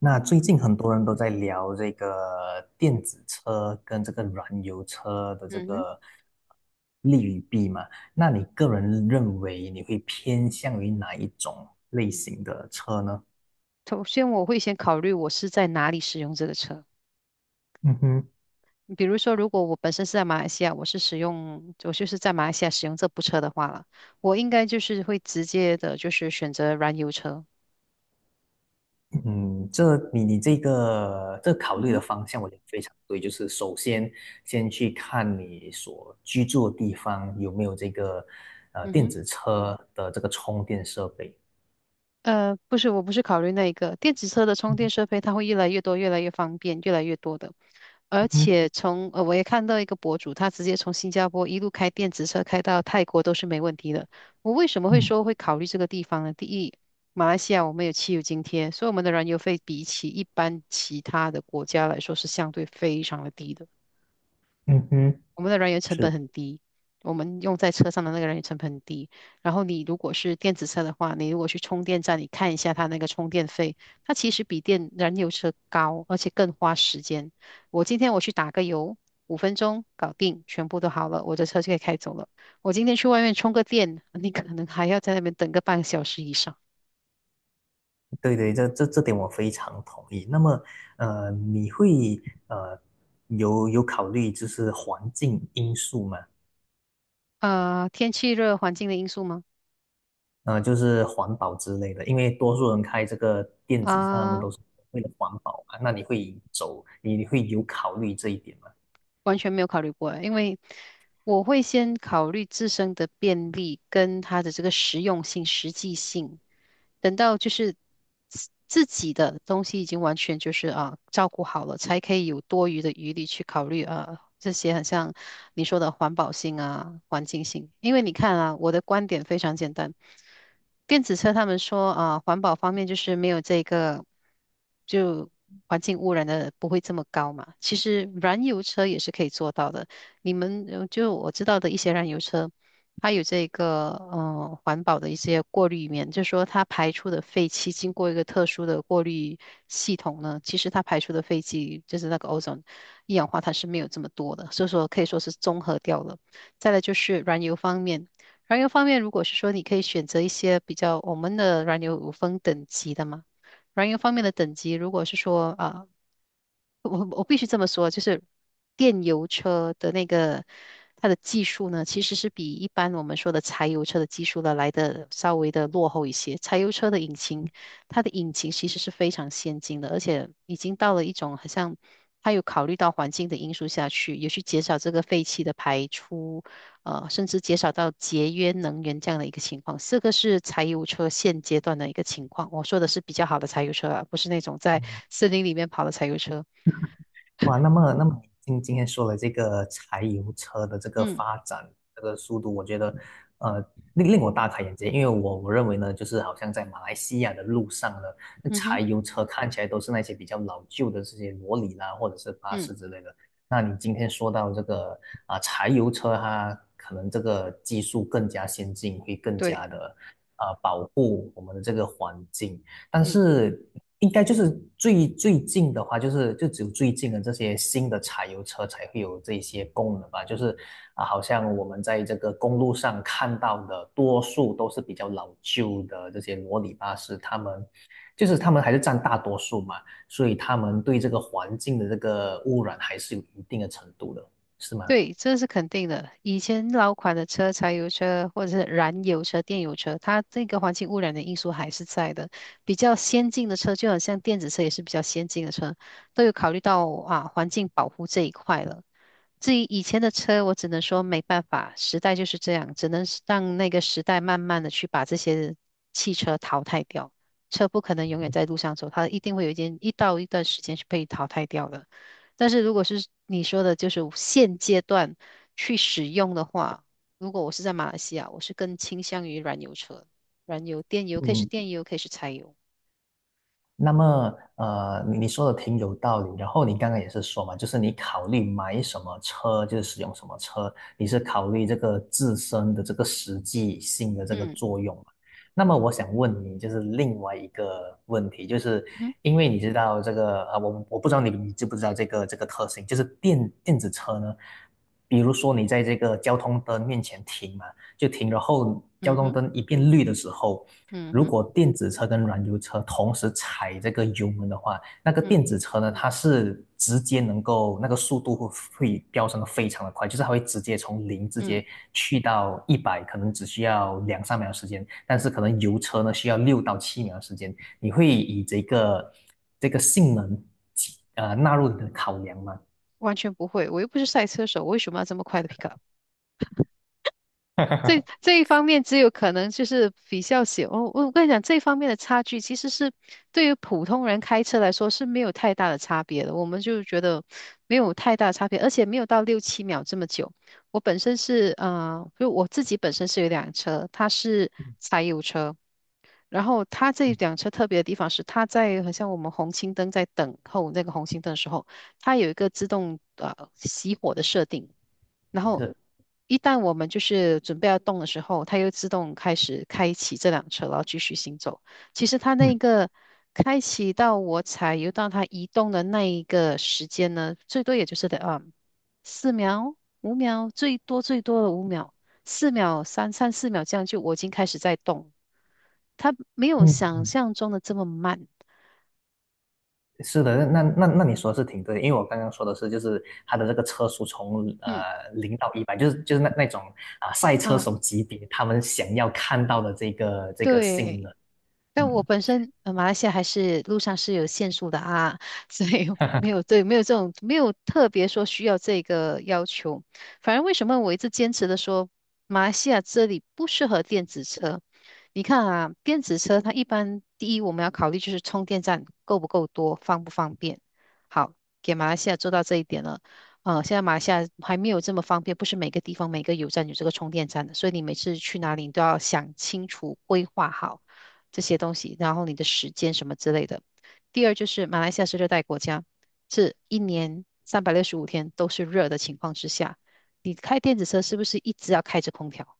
那最嗯近很多人都在聊这个电子车跟这个燃油车的这嗯哼，个利与弊嘛，那你个人认为你会偏向于哪一种类型的车呢？首先我会先考虑我是在哪里使用这个车。嗯哼。比如说，如果我本身是在马来西亚，我就是在马来西亚使用这部车的话了，我应该就是会直接的，就是选择燃油车。嗯，这你这考嗯虑的哼，方向，我觉得非常对。就是首先先去看你所居住的地方有没有这个嗯电哼。子车的这个充电设备。不是，我不是考虑那一个电子车的充嗯电设备，它会越来越多，越来越方便，越来越多的。而哼。且我也看到一个博主，他直接从新加坡一路开电子车开到泰国都是没问题的。我为什么会嗯。说会考虑这个地方呢？第一，马来西亚我们有汽油津贴，所以我们的燃油费比起一般其他的国家来说是相对非常的低的。嗯哼。我们的人员成本是。很低，我们用在车上的那个人员成本很低。然后你如果是电子车的话，你如果去充电站，你看一下它那个充电费，它其实比电燃油车高，而且更花时间。我今天去打个油，5分钟搞定，全部都好了，我的车就可以开走了。我今天去外面充个电，你可能还要在那边等个半个小时以上。对对，这点我非常同意。那么，你会呃有考虑就是环境因素嘛？啊、天气热环境的因素吗？就是环保之类的，因为多数人开这个电子车，他们啊、都是为了环保嘛。那你会走，你会有考虑这一点吗？完全没有考虑过欸，因为我会先考虑自身的便利跟它的这个实用性、实际性，等到就是自己的东西已经完全就是啊照顾好了，才可以有多余的余力去考虑啊这些很像你说的环保性啊、环境性。因为你看啊，我的观点非常简单，电子车他们说啊，环保方面就是没有这个就。环境污染的不会这么高嘛？其实燃油车也是可以做到的，你们就我知道的一些燃油车，它有这个环保的一些过滤面，就是说它排出的废气经过一个特殊的过滤系统呢，其实它排出的废气就是那个 ozone 一氧化碳是没有这么多的，所以说可以说是综合掉了。再来就是燃油方面，燃油方面如果是说你可以选择一些比较我们的燃油有分等级的嘛。燃油方面的等级，如果是说啊、我必须这么说，就是电油车的那个它的技术呢，其实是比一般我们说的柴油车的技术呢来的稍微的落后一些。柴油车的引擎，它的引擎其实是非常先进的，而且已经到了一种好像它有考虑到环境的因素下去，有去减少这个废气的排出，甚至减少到节约能源这样的一个情况。这个是柴油车现阶段的一个情况。我说的是比较好的柴油车啊，不是那种在森林里面跑的柴油车。哇，那么那么今天说了这个柴油车的这个嗯发展这个速度，我觉得呃令我大开眼界，因为我认为呢，就是好像在马来西亚的路上呢，那嗯柴哼，油车看起来都是那些比较老旧的这些罗里啦，或者是巴嗯，士之类的。那你今天说到这个啊、柴油车它可能这个技术更加先进，会更加对，的啊、保护我们的这个环境。但嗯是应该就是最近的话，就是就只有最近的这些新的柴油车才会有这些功能吧。就是啊，好像我们在这个公路上看到的，多数都是比较老旧的这些罗里巴士，他们还是占大多数嘛，所以他们对这个环境的这个污染还是有一定的程度的，是吗？对，这是肯定的。以前老款的车，柴油车或者是燃油车、电油车，它这个环境污染的因素还是在的。比较先进的车，就好像电子车也是比较先进的车，都有考虑到啊环境保护这一块了。至于以前的车，我只能说没办法，时代就是这样，只能是让那个时代慢慢的去把这些汽车淘汰掉。车不可能永远在路上走，它一定会有一段时间是被淘汰掉的。但是如果是你说的，就是现阶段去使用的话，如果我是在马来西亚，我是更倾向于燃油车，燃油、电油，可以是嗯。电油，可以是柴油。那么，呃，你你说的挺有道理。然后你刚刚也是说嘛，就是你考虑买什么车，就是使用什么车，你是考虑这个自身的这个实际性的这个嗯作用嘛。那么我想问你，就是另外一个问题，就是嗯哼因为你知道这个，啊，我我不知道你知不知道这个这个特性，就是电子车呢，比如说你在这个交通灯面前停嘛，就停，然后交嗯通哼灯一变绿的时候，嗯如哼果电子车跟燃油车同时踩这个油门的话，那个嗯电子车呢，它是直接能够那个速度会飙升的非常的快，就是它会直接从零直嗯，接去到一百，可能只需要两三秒时间，但是可能油车呢需要六到七秒时间，你会以这个这个性能纳入你的考量吗？完全不会，我又不是赛车手，我为什么要这么快的 pick up？这 这一方面只有可能就是比较小。我跟你讲，这方面的差距其实是对于普通人开车来说是没有太大的差别的。我们就觉得没有太大差别，而且没有到六七秒这么久。我本身是呃，就我自己本身是有一辆车，它是柴油车。然后它这一辆车特别的地方是，它在好像我们红熄灯在等候那个红熄灯的时候，它有一个自动熄火的设定。然后是。一旦我们就是准备要动的时候，它又自动开始开启这辆车，然后继续行走。其实它那嗯个开启到我踩油到它移动的那一个时间呢，最多也就是的啊四秒、五秒，最多最多的五秒，四秒、三四秒这样就我已经开始在动，它没有想嗯。象中的这么慢。是的，那你说的是挺对的，因为我刚刚说的是，就是它的这个车速从嗯零到一百，就是那种啊、赛车啊，手级别，他们想要看到的这个这个性对。能。但我嗯。本身马来西亚还是路上是有限速的啊，所以没有对，没有这种没有特别说需要这个要求。反正为什么我一直坚持的说马来西亚这里不适合电子车？你看啊，电子车它一般第一我们要考虑就是充电站够不够多，方不方便。好，给马来西亚做到这一点了。现在马来西亚还没有这么方便，不是每个地方每个有站有这个充电站的，所以你每次去哪里你都要想清楚、规划好。这些东西，然后你的时间什么之类的。第二就是马来西亚是热带国家，是一年365天都是热的情况之下，你开电子车是不是一直要开着空调？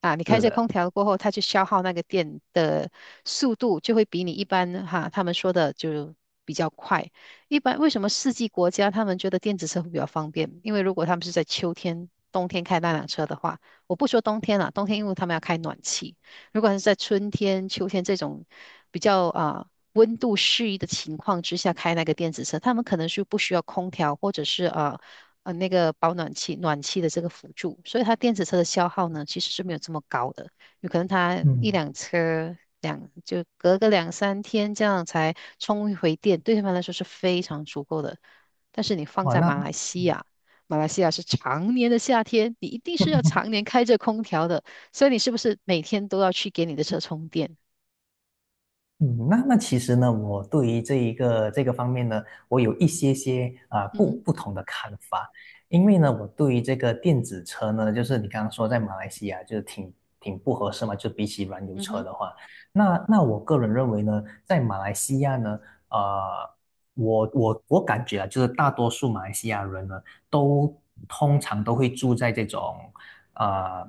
啊，你 开是着空的。调过后，它去消耗那个电的速度，就会比你一般哈，他们说的就比较快。一般为什么四季国家他们觉得电子车会比较方便？因为如果他们是在秋天、冬天开那辆车的话，我不说冬天了，冬天因为他们要开暖气。如果是在春天、秋天这种比较啊温度适宜的情况之下开那个电子车，他们可能是不需要空调，或者是啊。那个保暖器暖气的这个辅助，所以它电子车的消耗呢其实是没有这么高的，有可能它一嗯。辆车两就隔个两三天这样才充一回电，对他们来说是非常足够的。但是你放哇，在那马那来西嗯亚，马来西亚是常年的夏天，你一定是要常年开着空调的，所以你是不是每天都要去给你的车充电？嗯。那其实呢，我对于这一个这个方面呢，我有一些些啊、嗯不哼，不同的看法，因为呢，我对于这个电子车呢，就是你刚刚说在马来西亚就是挺不合适嘛，就比起燃油嗯车哼，的话，那我个人认为呢，在马来西亚呢，呃，我感觉啊，就是大多数马来西亚人呢，都通常都会住在这种啊、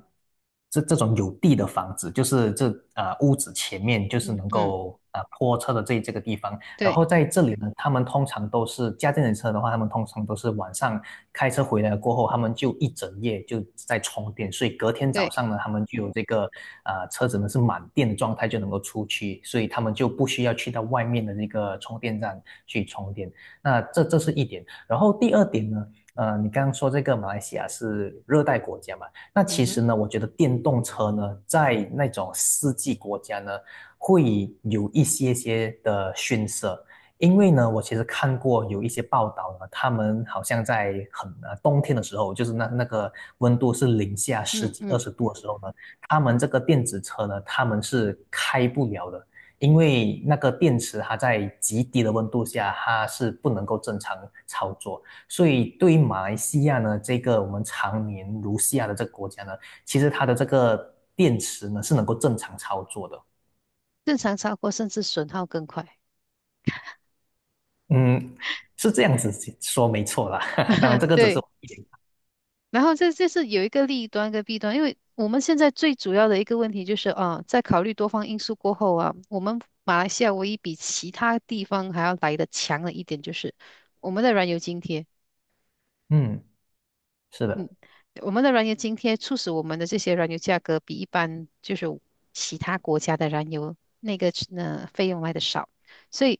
这种有地的房子，就是这啊屋子前面就是嗯能嗯，够啊泊车的这个地方。然后对在这里呢，他们通常都是家电车的话，他们通常都是晚上开车回来过后，他们就一整夜就在充电，所以隔天早对，上呢，他们就有这个啊车子呢是满电的状态就能够出去，所以他们就不需要去到外面的那个充电站去充电。那这是一点。然后第二点呢，呃，你刚刚说这个马来西亚是热带国家嘛？那嗯其实哼，呢，我觉得电动车呢，在那种四季国家呢，会有一些些的逊色。因为呢，我其实看过有一些报道呢，他们好像在很冬天的时候，就是那个温度是零下十嗯几二嗯，十度的时候呢，他们这个电子车呢，他们是开不了的，因为那个电池它在极低的温度下，它是不能够正常操作。所以对于马来西亚呢，这个我们常年如下的这个国家呢，其实它的这个电池呢是能够正常操作的。正常超过甚至损耗更快。嗯，是这样子说没错啦。当然，这个只是对。我一点。然后这这是有一个利端跟弊端，因为我们现在最主要的一个问题就是啊，在考虑多方因素过后啊，我们马来西亚唯一比其他地方还要来的强的一点就是我们的燃油津贴。嗯。是的。我们的燃油津贴促使我们的这些燃油价格比一般就是其他国家的燃油那个费用来的少，所以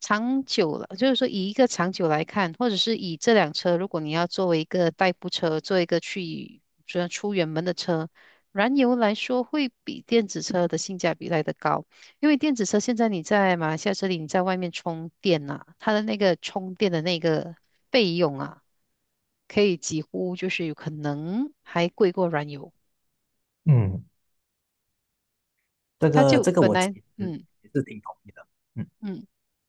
长久了，就是说以一个长久来看，或者是以这辆车，如果你要作为一个代步车，做一个去主要出远门的车，燃油来说会比电子车的性价比来的高，因为电子车现在你在马来西亚这里，你在外面充电啊，它的那个充电的那个费用啊。可以几乎就是有可能还贵过燃油。嗯，这它个就这个本我其来，实嗯也是挺同意的。嗯。嗯，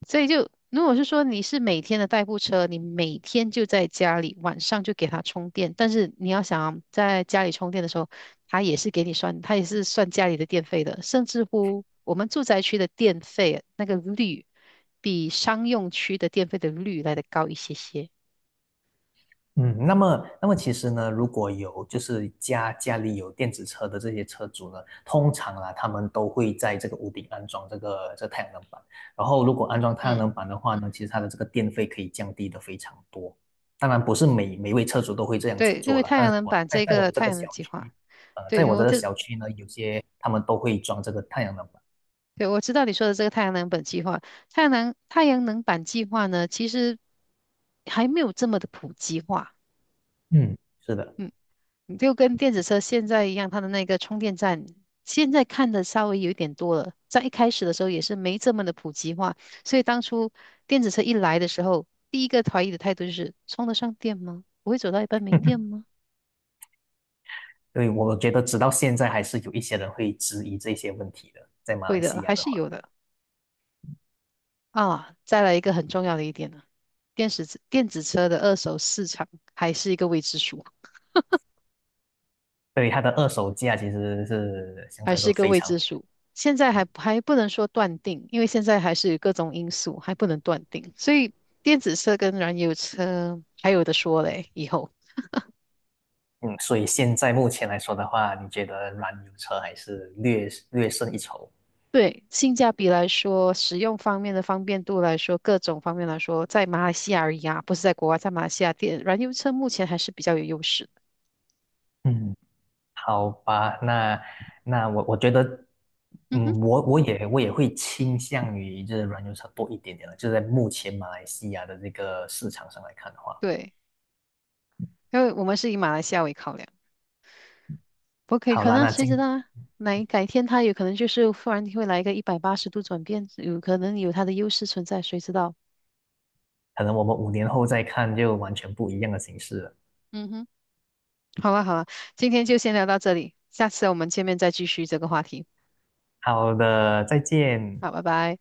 所以就如果是说你是每天的代步车，你每天就在家里，晚上就给它充电，但是你要想啊在家里充电的时候，它也是给你算，它也是算家里的电费的，甚至乎我们住宅区的电费那个率，比商用区的电费的率来的高一些些。嗯，那么，那么其实呢，如果有就是家里有电子车的这些车主呢，通常啊，他们都会在这个屋顶安装这个太阳能板。然后，如果安装太阳嗯，能板的话呢，其实它的这个电费可以降低的非常多。当然，不是每位车主都会这样子对，因做为了，太但阳是能我板在这在我个的这太个阳能小计划，区，呃，对，在我因这为个这小区呢，有些他们都会装这个太阳能板。对，我知道你说的这个太阳能板计划，太阳能板计划呢，其实还没有这么的普及化。嗯。是的。嗯，就跟电子车现在一样，它的那个充电站现在看的稍微有一点多了，在一开始的时候也是没这么的普及化，所以当初电子车一来的时候，第一个怀疑的态度就是充得上电吗？不会走到一半没电 吗？对，我觉得直到现在还是有一些人会质疑这些问题的，在马会来的，西亚还的是话。有的啊。再来一个很重要的一点呢，电子车的二手市场还是一个未知数。对，它的二手价其实是相还对来说是个非未常。知数。现在还不能说断定，因为现在还是各种因素，还不能断定。所以电子车跟燃油车还有的说嘞，以后。嗯，所以现在目前来说的话，你觉得燃油车还是略略胜一筹？对，性价比来说，使用方面的方便度来说，各种方面来说，在马来西亚而已啊，不是在国外，在马来西亚电燃油车目前还是比较有优势的。嗯，好吧，那我觉得，嗯哼，嗯，我也会倾向于就是燃油车多一点点了，就是在目前马来西亚的这个市场上来看的话。对，因为我们是以马来西亚为考量，不可以好可啦，能，那谁今知道啊？哪改天它有可能就是忽然会来一个180度转变，有可能有它的优势存在，谁知道？可能我们5年后再看就完全不一样的形式了。嗯哼，好了好了，今天就先聊到这里，下次我们见面再继续这个话题。好的，再见。好，拜拜。